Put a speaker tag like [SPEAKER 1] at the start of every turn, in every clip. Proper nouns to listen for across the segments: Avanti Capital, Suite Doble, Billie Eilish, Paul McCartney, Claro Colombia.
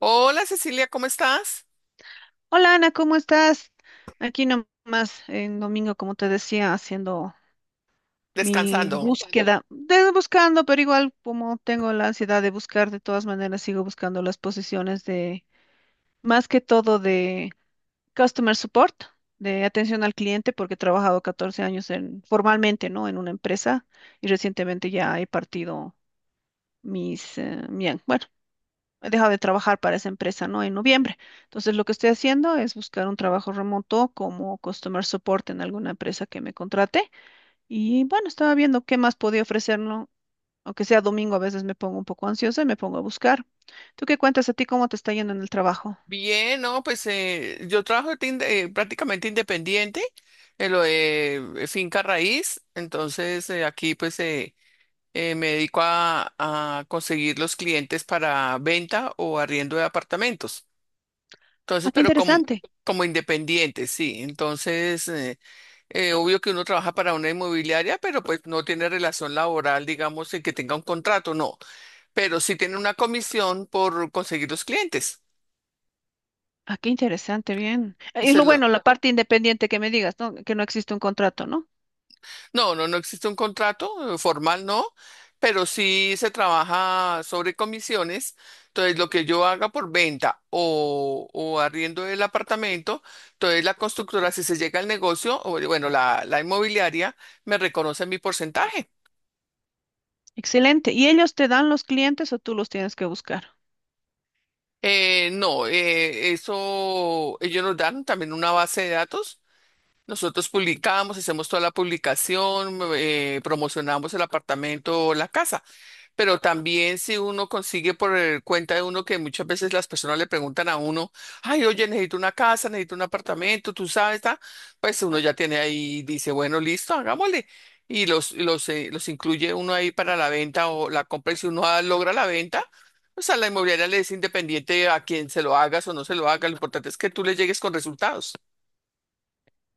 [SPEAKER 1] Hola Cecilia, ¿cómo estás?
[SPEAKER 2] Hola Ana, ¿cómo estás? Aquí nomás en domingo, como te decía, haciendo mi Buscando.
[SPEAKER 1] Descansando.
[SPEAKER 2] Búsqueda, de, buscando, pero igual como tengo la ansiedad de buscar, de todas maneras sigo buscando las posiciones de, más que todo de customer support, de atención al cliente, porque he trabajado 14 años en, formalmente, ¿no? En una empresa y recientemente ya he partido mis, mi- bueno, he dejado de trabajar para esa empresa, ¿no? En noviembre. Entonces, lo que estoy haciendo es buscar un trabajo remoto como customer support en alguna empresa que me contrate. Y bueno, estaba viendo qué más podía ofrecer, ¿no? Aunque sea domingo, a veces me pongo un poco ansiosa y me pongo a buscar. ¿Tú qué cuentas a ti? ¿Cómo te está yendo en el trabajo?
[SPEAKER 1] Bien, no, pues yo trabajo de prácticamente independiente en lo de finca raíz, entonces aquí pues me dedico a conseguir los clientes para venta o arriendo de apartamentos. Entonces,
[SPEAKER 2] Ah, qué
[SPEAKER 1] pero como,
[SPEAKER 2] interesante.
[SPEAKER 1] como independiente, sí. Entonces, obvio que uno trabaja para una inmobiliaria, pero pues no tiene relación laboral, digamos, en que tenga un contrato, no. Pero sí tiene una comisión por conseguir los clientes.
[SPEAKER 2] Ah, qué interesante, bien. Es
[SPEAKER 1] Eso es
[SPEAKER 2] lo
[SPEAKER 1] lo-
[SPEAKER 2] bueno, la parte independiente que me digas, ¿no? Que no existe un contrato, ¿no?
[SPEAKER 1] No, no, no existe un contrato formal, no, pero sí se trabaja sobre comisiones. Entonces, lo que yo haga por venta o arriendo del apartamento, entonces la constructora, si se llega al negocio, o bueno, la inmobiliaria me reconoce mi porcentaje.
[SPEAKER 2] Excelente. ¿Y ellos te dan los clientes o tú los tienes que buscar?
[SPEAKER 1] No, eso ellos nos dan también una base de datos. Nosotros publicamos, hacemos toda la publicación, promocionamos el apartamento o la casa. Pero también si uno consigue cuenta de uno que muchas veces las personas le preguntan a uno, ay, oye, necesito una casa, necesito un apartamento, tú sabes, ta", pues uno ya tiene ahí, dice, bueno, listo, hagámosle. Y los incluye uno ahí para la venta o la compra. Y si uno logra la venta, pues a la inmobiliaria le es independiente a quien se lo hagas o no se lo haga. Lo importante es que tú le llegues con resultados.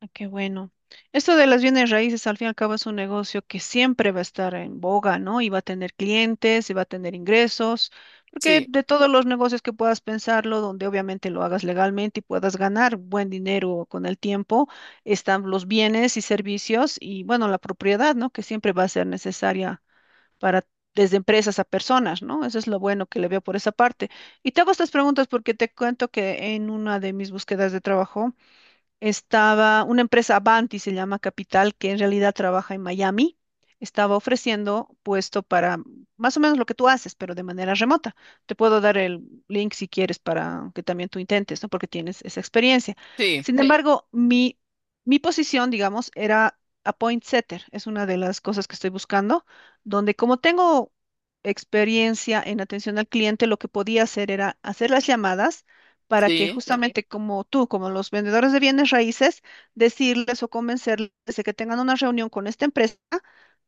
[SPEAKER 2] Ah, qué bueno. Esto de las bienes raíces, al fin y al cabo, es un negocio que siempre va a estar en boga, ¿no? Y va a tener clientes, y va a tener ingresos, porque
[SPEAKER 1] Sí,
[SPEAKER 2] de todos los negocios que puedas pensarlo, donde obviamente lo hagas legalmente y puedas ganar buen dinero con el tiempo, están los bienes y servicios y, bueno, la propiedad, ¿no? Que siempre va a ser necesaria para, desde empresas a personas, ¿no? Eso es lo bueno que le veo por esa parte. Y te hago estas preguntas porque te cuento que en una de mis búsquedas de trabajo, estaba una empresa Avanti, se llama Capital, que en realidad trabaja en Miami, estaba ofreciendo puesto para más o menos lo que tú haces, pero de manera remota. Te puedo dar el link si quieres para que también tú intentes, ¿no? Porque tienes esa experiencia.
[SPEAKER 1] sí,
[SPEAKER 2] Sin embargo, mi posición, digamos, era a point setter, es una de las cosas que estoy buscando, donde como tengo experiencia en atención al cliente, lo que podía hacer era hacer las llamadas para que
[SPEAKER 1] sí.
[SPEAKER 2] justamente como tú, como los vendedores de bienes raíces, decirles o convencerles de que tengan una reunión con esta empresa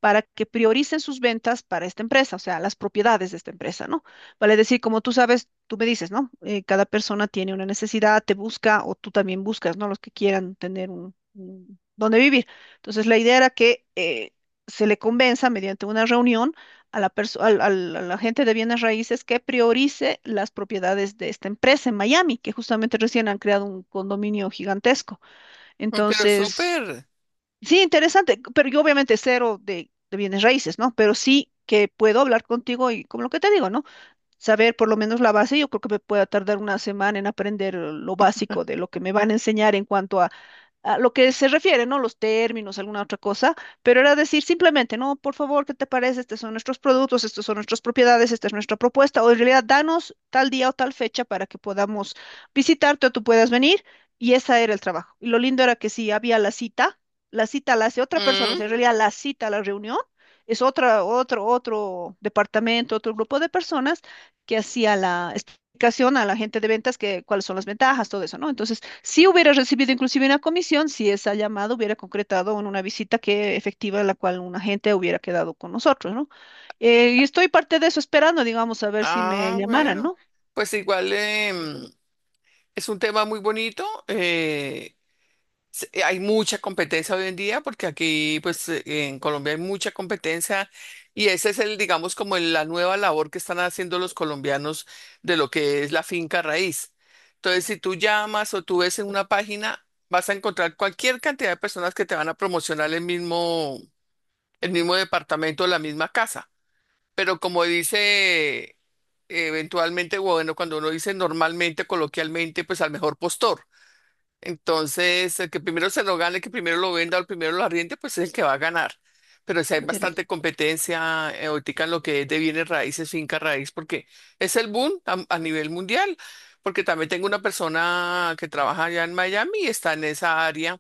[SPEAKER 2] para que prioricen sus ventas para esta empresa, o sea, las propiedades de esta empresa, ¿no? Vale decir, como tú sabes, tú me dices, ¿no? Cada persona tiene una necesidad, te busca o tú también buscas, ¿no? Los que quieran tener donde vivir. Entonces, la idea era que se le convenza mediante una reunión a la, perso- al- al- a la gente de bienes raíces que priorice las propiedades de esta empresa en Miami, que justamente recién han creado un condominio gigantesco.
[SPEAKER 1] Pero
[SPEAKER 2] Entonces,
[SPEAKER 1] súper.
[SPEAKER 2] sí, interesante, pero yo obviamente cero de bienes raíces, ¿no? Pero sí que puedo hablar contigo y como lo que te digo, ¿no? Saber por lo menos la base, yo creo que me pueda tardar una semana en aprender lo básico de lo que me van a enseñar en cuanto a lo que se refiere, ¿no? Los términos, alguna otra cosa, pero era decir simplemente, no, por favor, ¿qué te parece? Estos son nuestros productos, estos son nuestras propiedades, esta es nuestra propuesta, o en realidad danos tal día o tal fecha para que podamos visitarte o tú puedas venir, y ese era el trabajo. Y lo lindo era que si había la cita, la cita la hace otra persona, o
[SPEAKER 1] Mm.
[SPEAKER 2] sea, en realidad la cita la reunión es otro departamento, otro grupo de personas que hacía la explicación a la gente de ventas que cuáles son las ventajas, todo eso, ¿no? Entonces, si hubiera recibido inclusive una comisión, si esa llamada hubiera concretado en una visita que efectiva la cual un agente hubiera quedado con nosotros, ¿no? Y estoy parte de eso esperando, digamos, a ver si me
[SPEAKER 1] Ah,
[SPEAKER 2] llamaran,
[SPEAKER 1] bueno.
[SPEAKER 2] ¿no?
[SPEAKER 1] Pues igual. Es un tema muy bonito. Hay mucha competencia hoy en día porque aquí, pues, en Colombia hay mucha competencia y ese es el, digamos, como la nueva labor que están haciendo los colombianos de lo que es la finca raíz. Entonces, si tú llamas o tú ves en una página, vas a encontrar cualquier cantidad de personas que te van a promocionar el mismo departamento, la misma casa. Pero como dice... Eventualmente, bueno, cuando uno dice normalmente, coloquialmente, pues al mejor postor. Entonces, el que primero se lo gane, el que primero lo venda o el primero lo arriende, pues es el que va a ganar. Pero si hay
[SPEAKER 2] Interesante.
[SPEAKER 1] bastante competencia ahorita en lo que es de bienes raíces, finca raíz, porque es el boom a nivel mundial. Porque también tengo una persona que trabaja allá en Miami y está en esa área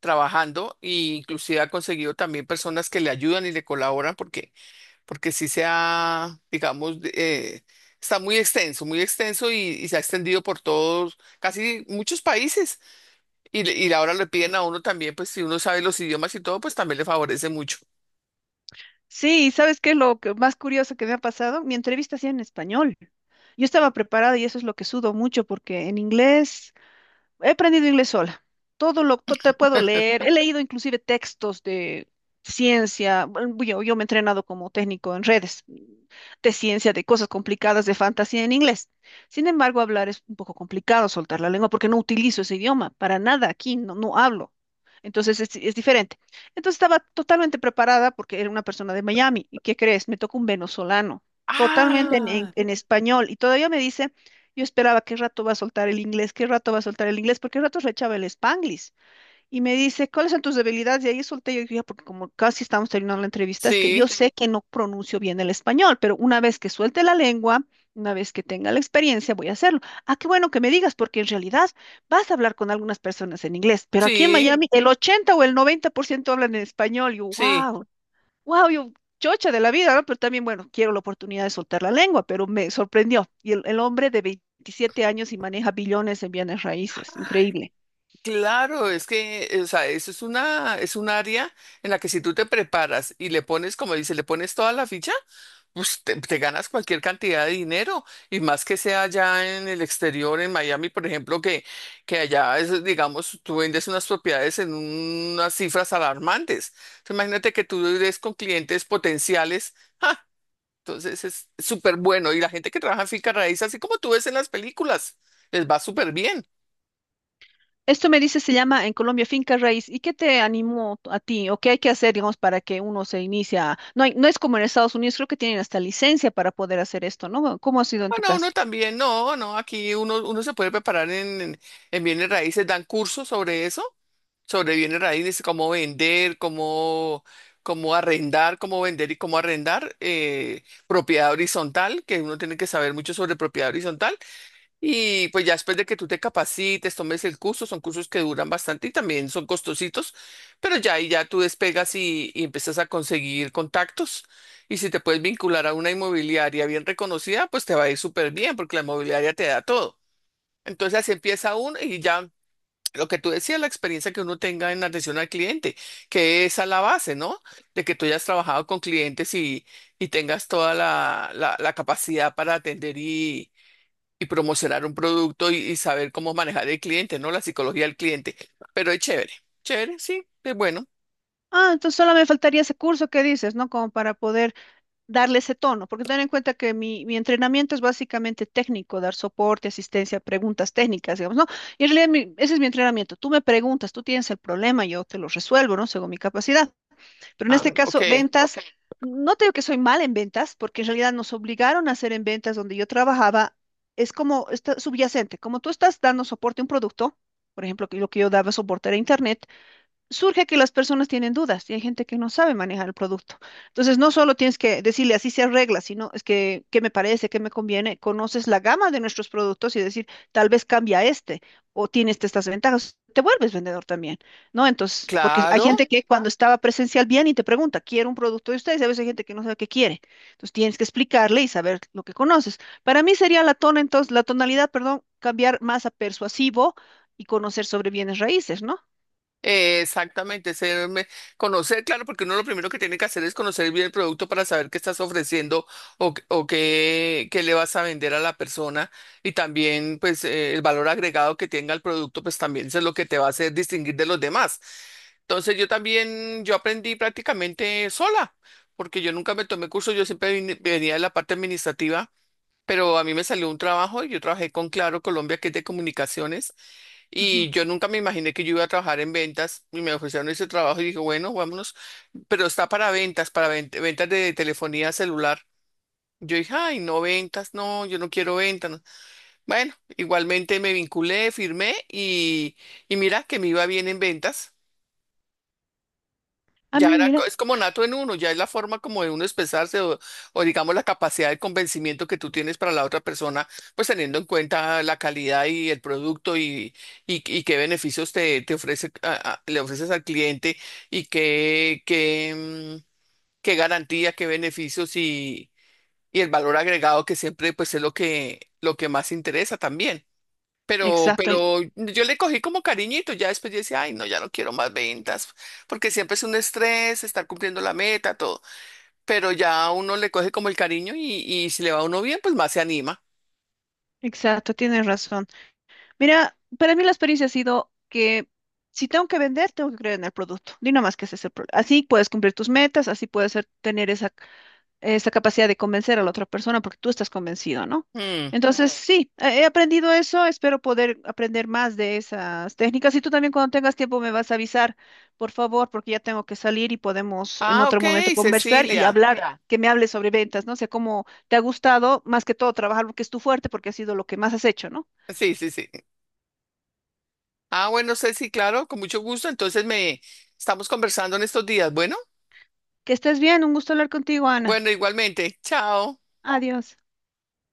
[SPEAKER 1] trabajando e inclusive ha conseguido también personas que le ayudan y le colaboran porque, porque sí se ha, digamos, está muy extenso y se ha extendido por todos, casi muchos países. Y ahora le piden a uno también, pues si uno sabe los idiomas y todo, pues también le favorece mucho.
[SPEAKER 2] Sí, ¿sabes qué es lo que más curioso que me ha pasado? Mi entrevista hacía en español. Yo estaba preparada y eso es lo que sudo mucho porque en inglés he aprendido inglés sola. Todo lo que te puedo leer. He leído inclusive textos de ciencia. Bueno, yo me he entrenado como técnico en redes de ciencia, de cosas complicadas, de fantasía en inglés. Sin embargo, hablar es un poco complicado, soltar la lengua, porque no utilizo ese idioma para nada aquí, no, no hablo. Entonces es diferente. Entonces estaba totalmente preparada porque era una persona de Miami. ¿Y qué crees? Me tocó un venezolano, totalmente
[SPEAKER 1] Ah,
[SPEAKER 2] en español. Y todavía me dice... Yo esperaba qué rato va a soltar el inglés, qué rato va a soltar el inglés, porque rato rechaba el Spanglish. Y me dice, ¿cuáles son tus debilidades? Y ahí solté yo, dije porque como casi estamos terminando la entrevista, es que yo
[SPEAKER 1] sí,
[SPEAKER 2] sé que no pronuncio bien el español, pero una vez que suelte la lengua, una vez que tenga la experiencia, voy a hacerlo. Ah, qué bueno que me digas, porque en realidad vas a hablar con algunas personas en inglés, pero aquí en sí.
[SPEAKER 1] sí,
[SPEAKER 2] Miami el 80 o el 90% hablan en español. Y yo,
[SPEAKER 1] sí.
[SPEAKER 2] wow, wow, yo chocha de la vida, ¿no? Pero también, bueno, quiero la oportunidad de soltar la lengua, pero me sorprendió. Y el hombre de 27 años y maneja billones en bienes raíces, increíble.
[SPEAKER 1] Claro, es que, o sea, eso es una, es un área en la que si tú te preparas y le pones, como dice, le pones toda la ficha, pues te ganas cualquier cantidad de dinero y más que sea allá en el exterior, en Miami, por ejemplo, que allá, es, digamos, tú vendes unas propiedades en unas cifras alarmantes. Entonces, imagínate que tú des con clientes potenciales. Entonces es súper bueno. Y la gente que trabaja en finca raíz, así como tú ves en las películas, les va súper bien.
[SPEAKER 2] Esto me dice, se llama en Colombia finca raíz. ¿Y qué te animó a ti o qué hay que hacer, digamos, para que uno se inicia? No es como en Estados Unidos, creo que tienen hasta licencia para poder hacer esto, ¿no? ¿Cómo ha sido en tu
[SPEAKER 1] Bueno,
[SPEAKER 2] caso?
[SPEAKER 1] uno también, no, no, aquí uno, uno se puede preparar en bienes raíces, dan cursos sobre eso, sobre bienes raíces, cómo vender, cómo, cómo arrendar, cómo vender y cómo arrendar, propiedad horizontal, que uno tiene que saber mucho sobre propiedad horizontal, y pues ya después de que tú te capacites, tomes el curso, son cursos que duran bastante y también son costositos, pero ya ahí ya tú despegas y empiezas a conseguir contactos. Y si te puedes vincular a una inmobiliaria bien reconocida, pues te va a ir súper bien porque la inmobiliaria te da todo. Entonces así empieza uno y ya lo que tú decías, la experiencia que uno tenga en atención al cliente, que esa es la base, ¿no? De que tú hayas trabajado con clientes y tengas toda la la capacidad para atender y promocionar un producto y saber cómo manejar el cliente, ¿no? La psicología del cliente. Pero es chévere, chévere, sí, es bueno.
[SPEAKER 2] Ah, entonces solo me faltaría ese curso que dices, ¿no? Como para poder darle ese tono, porque ten en cuenta que mi entrenamiento es básicamente técnico, dar soporte, asistencia, preguntas técnicas, digamos, ¿no? Y en realidad ese es mi entrenamiento. Tú me preguntas, tú tienes el problema, yo te lo resuelvo, ¿no? Según mi capacidad. Pero en
[SPEAKER 1] Ah,
[SPEAKER 2] este
[SPEAKER 1] ok,
[SPEAKER 2] caso, ventas, ok. No te digo que soy mal en ventas, porque en realidad nos obligaron a hacer en ventas donde yo trabajaba, es como está subyacente, como tú estás dando soporte a un producto. Por ejemplo, que lo que yo daba soporte era Internet, surge que las personas tienen dudas y hay gente que no sabe manejar el producto. Entonces, no solo tienes que decirle así se arregla, sino es que, ¿qué me parece? ¿Qué me conviene? Conoces la gama de nuestros productos y decir, tal vez cambia este o tiene estas ventajas. Te vuelves vendedor también, ¿no? Entonces, porque hay
[SPEAKER 1] claro.
[SPEAKER 2] gente que cuando estaba presencial viene y te pregunta, quiero un producto de ustedes, y a veces hay gente que no sabe qué quiere. Entonces, tienes que explicarle y saber lo que conoces. Para mí sería la tona, entonces, la tonalidad, perdón, cambiar más a persuasivo y conocer sobre bienes raíces, ¿no?
[SPEAKER 1] Exactamente, conocer, claro, porque uno lo primero que tiene que hacer es conocer bien el producto para saber qué estás ofreciendo o, o qué, qué le vas a vender a la persona y también pues el valor agregado que tenga el producto pues también eso es lo que te va a hacer distinguir de los demás. Entonces yo también, yo aprendí prácticamente sola, porque yo nunca me tomé curso, yo siempre venía de la parte administrativa, pero a mí me salió un trabajo y yo trabajé con Claro Colombia, que es de comunicaciones.
[SPEAKER 2] Ajá.
[SPEAKER 1] Y yo nunca me imaginé que yo iba a trabajar en ventas y me ofrecieron ese trabajo y dije, bueno, vámonos, pero está para ventas, para ventas de telefonía celular. Yo dije, ay, no ventas, no, yo no quiero ventas. No". Bueno, igualmente me vinculé, firmé y mira que me iba bien en ventas.
[SPEAKER 2] A
[SPEAKER 1] Ya
[SPEAKER 2] mí,
[SPEAKER 1] era,
[SPEAKER 2] mira,
[SPEAKER 1] es como nato en uno, ya es la forma como de uno expresarse o digamos la capacidad de convencimiento que tú tienes para la otra persona, pues teniendo en cuenta la calidad y el producto y qué beneficios te, te ofrece, le ofreces al cliente y qué, qué garantía, qué beneficios y el valor agregado que siempre pues es lo que más interesa también.
[SPEAKER 2] exacto, el-
[SPEAKER 1] Pero yo le cogí como cariñito, ya después yo decía, ay, no, ya no quiero más ventas, porque siempre es un estrés estar cumpliendo la meta, todo. Pero ya uno le coge como el cariño y si le va a uno bien, pues más se anima.
[SPEAKER 2] exacto, tienes razón. Mira, para mí la experiencia ha sido que si tengo que vender, tengo que creer en el producto. Di nomás que ese es el problema. Así puedes cumplir tus metas, así puedes tener esa esa capacidad de convencer a la otra persona porque tú estás convencido, ¿no?
[SPEAKER 1] Mm.
[SPEAKER 2] Entonces, sí, he aprendido eso, espero poder aprender más de esas técnicas y tú también cuando tengas tiempo me vas a avisar, por favor, porque ya tengo que salir y podemos en
[SPEAKER 1] Ah,
[SPEAKER 2] otro momento
[SPEAKER 1] ok,
[SPEAKER 2] conversar y
[SPEAKER 1] Cecilia.
[SPEAKER 2] hablar, que me hables sobre ventas, no sé cómo te ha gustado, más que todo trabajar lo que es tu fuerte porque ha sido lo que más has hecho, ¿no?
[SPEAKER 1] Sí, sí, sí. Ah, bueno, Ceci, claro, con mucho gusto. Entonces me estamos conversando en estos días. Bueno,
[SPEAKER 2] Que estés bien, un gusto hablar contigo, Ana.
[SPEAKER 1] bueno, igualmente. Chao.
[SPEAKER 2] Adiós.